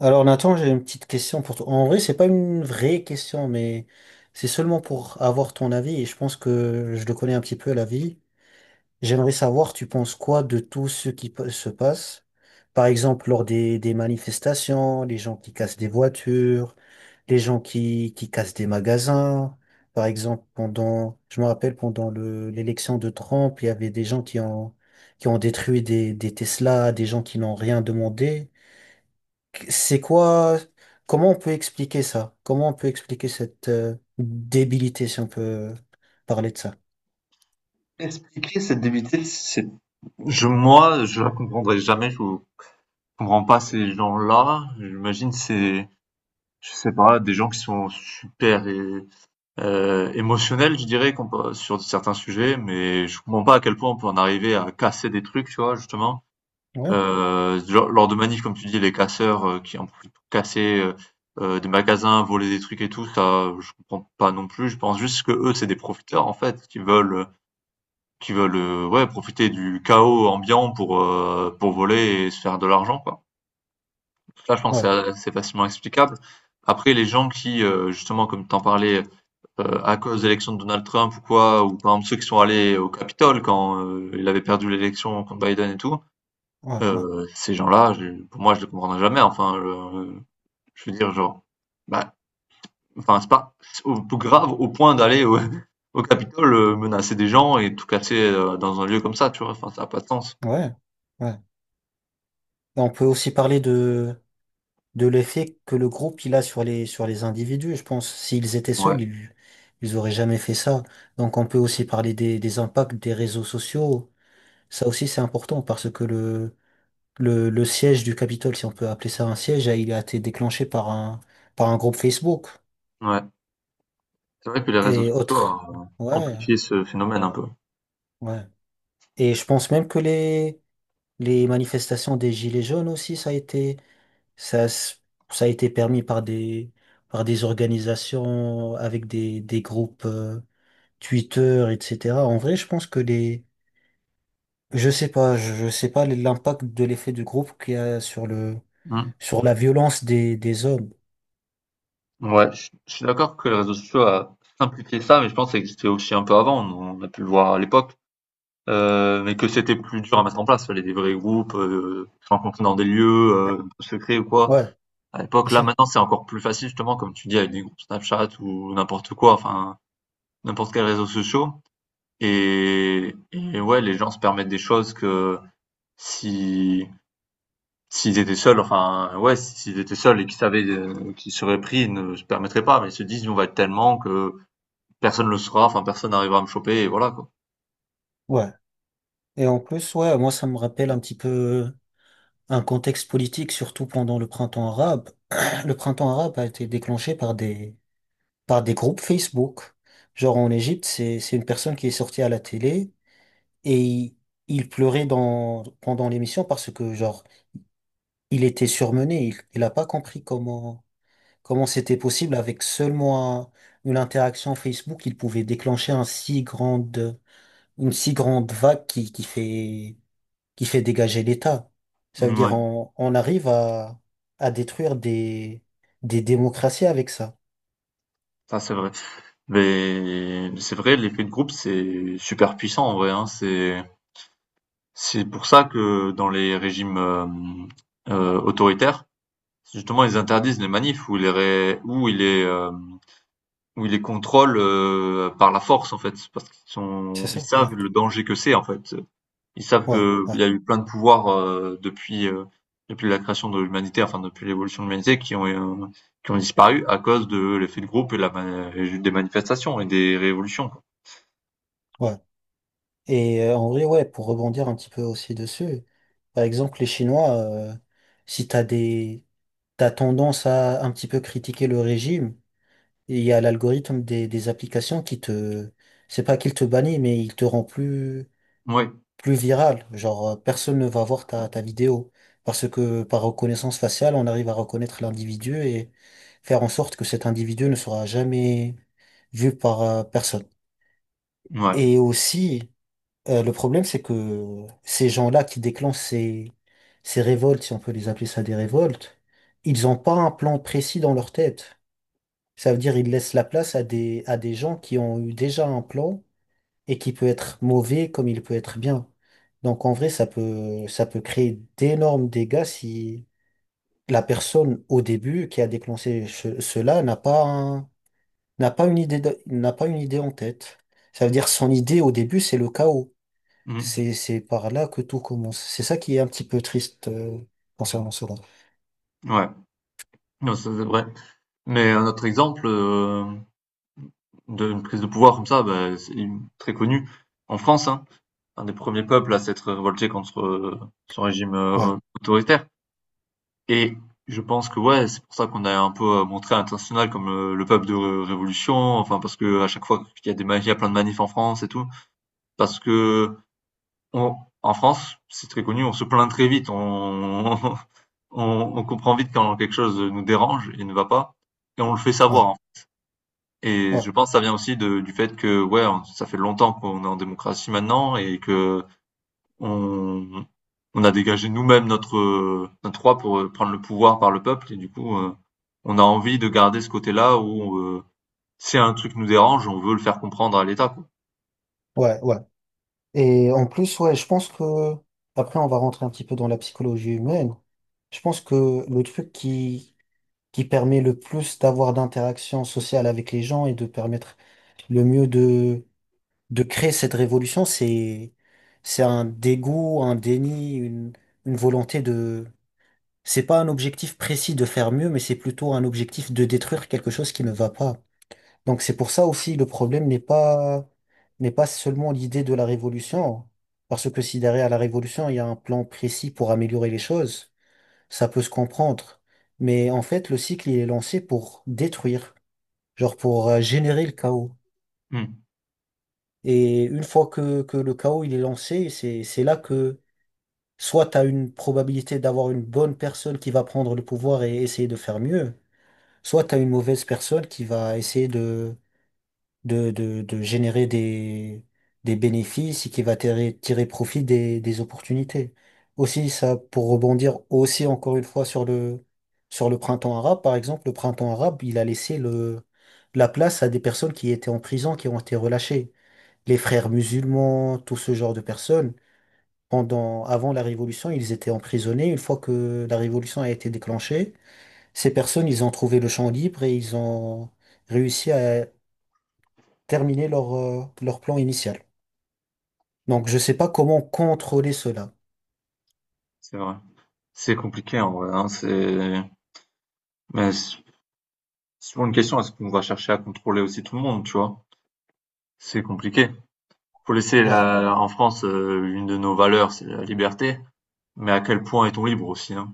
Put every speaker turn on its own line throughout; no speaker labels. Alors Nathan, j'ai une petite question pour toi. En vrai, c'est pas une vraie question, mais c'est seulement pour avoir ton avis. Et je pense que je le connais un petit peu l'avis. J'aimerais savoir, tu penses quoi de tout ce qui se passe? Par exemple, lors des manifestations, les gens qui cassent des voitures, les gens qui cassent des magasins. Par exemple, pendant, je me rappelle, pendant l'élection de Trump, il y avait des gens qui ont détruit des Tesla, des gens qui n'ont rien demandé. C'est quoi, comment on peut expliquer ça? Comment on peut expliquer cette débilité, si on peut parler de ça?
Expliquer cette débilité, c'est je moi, je la comprendrai jamais, je comprends pas ces gens-là. J'imagine c'est je sais pas, des gens qui sont super émotionnels, je dirais, sur certains sujets, mais je comprends pas à quel point on peut en arriver à casser des trucs, tu vois, justement.
Ouais,
Lors de manifs, comme tu dis, les casseurs qui en profitent pour casser des magasins, voler des trucs et tout, ça, je comprends pas non plus. Je pense juste que eux, c'est des profiteurs, en fait, qui veulent, ouais, profiter du chaos ambiant pour voler et se faire de l'argent, quoi. Ça, je pense, c'est
ouais,
a c'est assez facilement explicable. Après, les gens qui, justement, comme tu en parlais, à cause de l'élection de Donald Trump ou quoi, ou par exemple ceux qui sont allés au Capitole quand, il avait perdu l'élection contre Biden et tout,
ouais, ouais,
ces gens-là, je pour moi, je les comprendrai jamais. Enfin, je veux dire, genre, bah, enfin, c'est pas c'est au grave au point d'aller au au Capitole, menacer des gens et tout casser, dans un lieu comme ça, tu vois? Enfin, ça a pas de sens.
ouais, ouais. Et on peut aussi parler de l'effet que le groupe il a sur sur les individus, je pense. S'ils étaient
Ouais.
seuls, ils auraient jamais fait ça. Donc on peut aussi parler des impacts des réseaux sociaux. Ça aussi, c'est important parce que le siège du Capitole, si on peut appeler ça un siège, il a été déclenché par par un groupe Facebook.
Ouais, c'est vrai que les réseaux
Et autres.
sociaux ont
Ouais,
amplifié ce phénomène un peu.
ouais. Et je pense même que les manifestations des Gilets jaunes aussi, ça, s- ça a été permis par par des organisations avec des groupes Twitter, etc. En vrai, je pense que les, je sais pas, je sais pas l'impact de l'effet du groupe qu'il y a sur le,
Mmh.
sur la violence des hommes.
Ouais, je suis d'accord que les réseaux sociaux a simplifié ça, mais je pense que ça existait aussi un peu avant, on a pu le voir à l'époque, mais que c'était plus dur à mettre en place. Fallait des vrais groupes, se rencontrer dans des lieux, un peu secrets ou quoi.
Ouais,
À l'époque,
c'est
là,
ça.
maintenant, c'est encore plus facile justement, comme tu dis, avec des groupes Snapchat ou n'importe quoi, enfin, n'importe quel réseau social. Et ouais, les gens se permettent des choses que si S'ils étaient seuls, enfin, ouais, s'ils étaient seuls et qu'ils savaient, qu'ils seraient pris, ils ne se permettraient pas, mais ils se disent: on va être tellement que personne le saura, enfin, personne n'arrivera à me choper» et voilà, quoi.
Ouais. Et en plus, ouais, moi, ça me rappelle un petit peu un contexte politique, surtout pendant le printemps arabe. Le printemps arabe a été déclenché par par des groupes Facebook. Genre en Égypte, c'est une personne qui est sortie à la télé et il pleurait dans, pendant l'émission parce que, genre, il était surmené. Il a pas compris comment, comment c'était possible avec seulement une interaction Facebook, il pouvait déclencher un si grande, une si grande vague qui fait dégager l'État. Ça veut dire
Ouais,
on arrive à détruire des démocraties avec ça.
ça, c'est vrai. Mais c'est vrai, l'effet de groupe, c'est super puissant, en vrai, hein. C'est pour ça que dans les régimes, autoritaires, justement, ils interdisent les manifs ou les ré où ils les, ou ils les contrôlent, par la force, en fait. Parce qu'ils
C'est
sont ils
ça? Ouais.
savent le danger que c'est, en fait. Ils savent
Ouais,
que
ouais,
il y a eu plein de pouvoirs, depuis, depuis la création de l'humanité, enfin depuis l'évolution de l'humanité qui ont disparu à cause de l'effet de groupe et la ma et des manifestations et des révolutions, quoi.
ouais. Et en vrai, ouais, pour rebondir un petit peu aussi dessus, par exemple, les Chinois, si t'as des, t'as tendance à un petit peu critiquer le régime, il y a l'algorithme des applications qui te, c'est pas qu'il te bannit, mais il te rend plus,
Ouais,
plus virale. Genre, personne ne va voir ta vidéo. Parce que par reconnaissance faciale, on arrive à reconnaître l'individu et faire en sorte que cet individu ne sera jamais vu par personne.
ouais,
Et aussi, le problème, c'est que ces gens-là qui déclenchent ces révoltes, si on peut les appeler ça des révoltes, ils n'ont pas un plan précis dans leur tête. Ça veut dire ils laissent la place à des gens qui ont eu déjà un plan et qui peut être mauvais comme il peut être bien. Donc en vrai, ça peut créer d'énormes dégâts si la personne au début qui a déclenché cela n'a pas n'a pas une idée n'a pas une idée en tête. Ça veut dire son idée au début, c'est le chaos.
mmh,
C'est par là que tout commence. C'est ça qui est un petit peu triste concernant cela.
ouais. Non, ça, c'est vrai. Mais un autre exemple, d'une prise de pouvoir comme ça, bah, c'est une très connu en France, hein, un des premiers peuples à s'être révolté contre, ce régime,
Ouais,
autoritaire. Et je pense que ouais, c'est pour ça qu'on a un peu montré à l'international comme le peuple de Révolution, enfin parce que à chaque fois qu'il y a des il y a plein de manifs en France et tout, parce que on, en France, c'est très connu, on se plaint très vite, on, on, on comprend vite quand quelque chose nous dérange et ne va pas, et on le fait savoir.
ouais,
En fait. Et
ouais,
je pense que ça vient aussi de, du fait que ouais, ça fait longtemps qu'on est en démocratie maintenant et que on, on a dégagé nous-mêmes notre, notre roi pour prendre le pouvoir par le peuple, et du coup, on a envie de garder ce côté-là où si un truc nous dérange, on veut le faire comprendre à l'État, quoi.
ouais, ouais. Et en plus, ouais, je pense que après on va rentrer un petit peu dans la psychologie humaine. Je pense que le truc qui permet le plus d'avoir d'interactions sociales avec les gens et de permettre le mieux de créer cette révolution, c'est un dégoût, un déni, une volonté de… C'est pas un objectif précis de faire mieux, mais c'est plutôt un objectif de détruire quelque chose qui ne va pas. Donc c'est pour ça aussi le problème n'est pas seulement l'idée de la révolution, parce que si derrière la révolution, il y a un plan précis pour améliorer les choses, ça peut se comprendre. Mais en fait, le cycle, il est lancé pour détruire, genre pour générer le chaos.
Hmm,
Et une fois que le chaos, il est lancé, c'est là que soit tu as une probabilité d'avoir une bonne personne qui va prendre le pouvoir et essayer de faire mieux, soit tu as une mauvaise personne qui va essayer de générer des bénéfices et qui va tirer profit des opportunités. Aussi, ça, pour rebondir aussi encore une fois sur le printemps arabe, par exemple, le printemps arabe, il a laissé la place à des personnes qui étaient en prison, qui ont été relâchées. Les frères musulmans, tout ce genre de personnes, pendant, avant la révolution, ils étaient emprisonnés. Une fois que la révolution a été déclenchée, ces personnes, ils ont trouvé le champ libre et ils ont réussi à terminer leur, leur plan initial. Donc, je sais pas comment contrôler cela.
c'est vrai. C'est compliqué en vrai, hein, c'est mais c'est souvent une question, est-ce qu'on va chercher à contrôler aussi tout le monde, tu vois? C'est compliqué.
Ouais,
En France une de nos valeurs, c'est la liberté, mais à quel point est-on libre aussi, hein?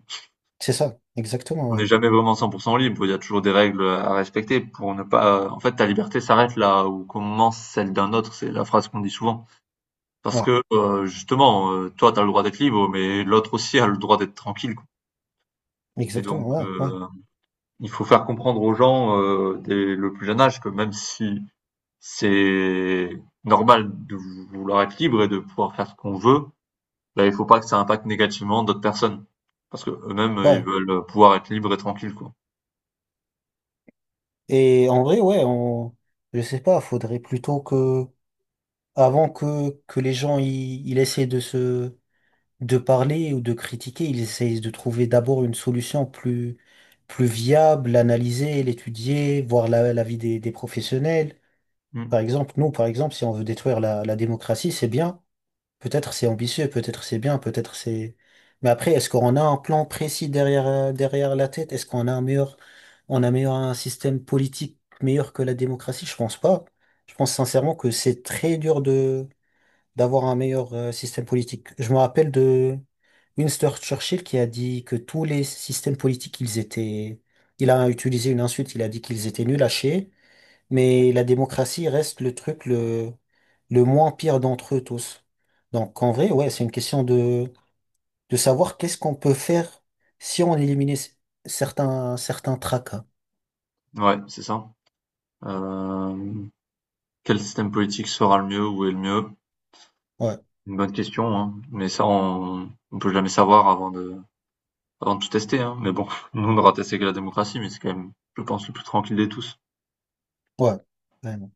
c'est ça, exactement,
On
ouais.
n'est jamais vraiment 100% libre, il y a toujours des règles à respecter pour ne pas en fait, ta liberté s'arrête là où commence celle d'un autre, c'est la phrase qu'on dit souvent. Parce
Ouais,
que, justement, toi, t'as le droit d'être libre, mais l'autre aussi a le droit d'être tranquille, quoi et
exactement,
donc
ouais, ouais,
il faut faire comprendre aux gens, dès le plus jeune âge que même si c'est normal de vouloir être libre et de pouvoir faire ce qu'on veut, bah, il faut pas que ça impacte négativement d'autres personnes. Parce que eux mêmes ils
ouais.
veulent pouvoir être libres et tranquilles, quoi.
Et en vrai, ouais, on, je sais pas, faudrait plutôt que, avant que les gens, ils essaient de parler ou de critiquer, ils essayent de trouver d'abord une solution plus, plus viable, l'analyser, l'étudier, voir l'avis des professionnels.
Mmh.
Par exemple, nous, par exemple, si on veut détruire la démocratie, c'est bien. Peut-être c'est ambitieux, peut-être c'est bien, peut-être c'est… Mais après, est-ce qu'on a un plan précis derrière, derrière la tête? Est-ce qu'on a un meilleur, on a meilleur un système politique meilleur que la démocratie? Je pense pas. Je pense sincèrement que c'est très dur de, d'avoir un meilleur système politique. Je me rappelle de Winston Churchill qui a dit que tous les systèmes politiques, ils étaient, il a utilisé une insulte, il a dit qu'ils étaient nuls à chier. Mais la démocratie reste le truc le moins pire d'entre eux tous. Donc en vrai, ouais, c'est une question de savoir qu'est-ce qu'on peut faire si on éliminait certains, certains tracas.
Ouais, c'est ça. Hem, quel système politique sera le mieux? Où est le mieux?
Ouais,
Une bonne question, hein, mais ça on peut jamais savoir avant de tout tester, hein, mais bon, nous on aura testé que la démocratie, mais c'est quand même, je pense, le plus tranquille de tous.
ouais. Ouais.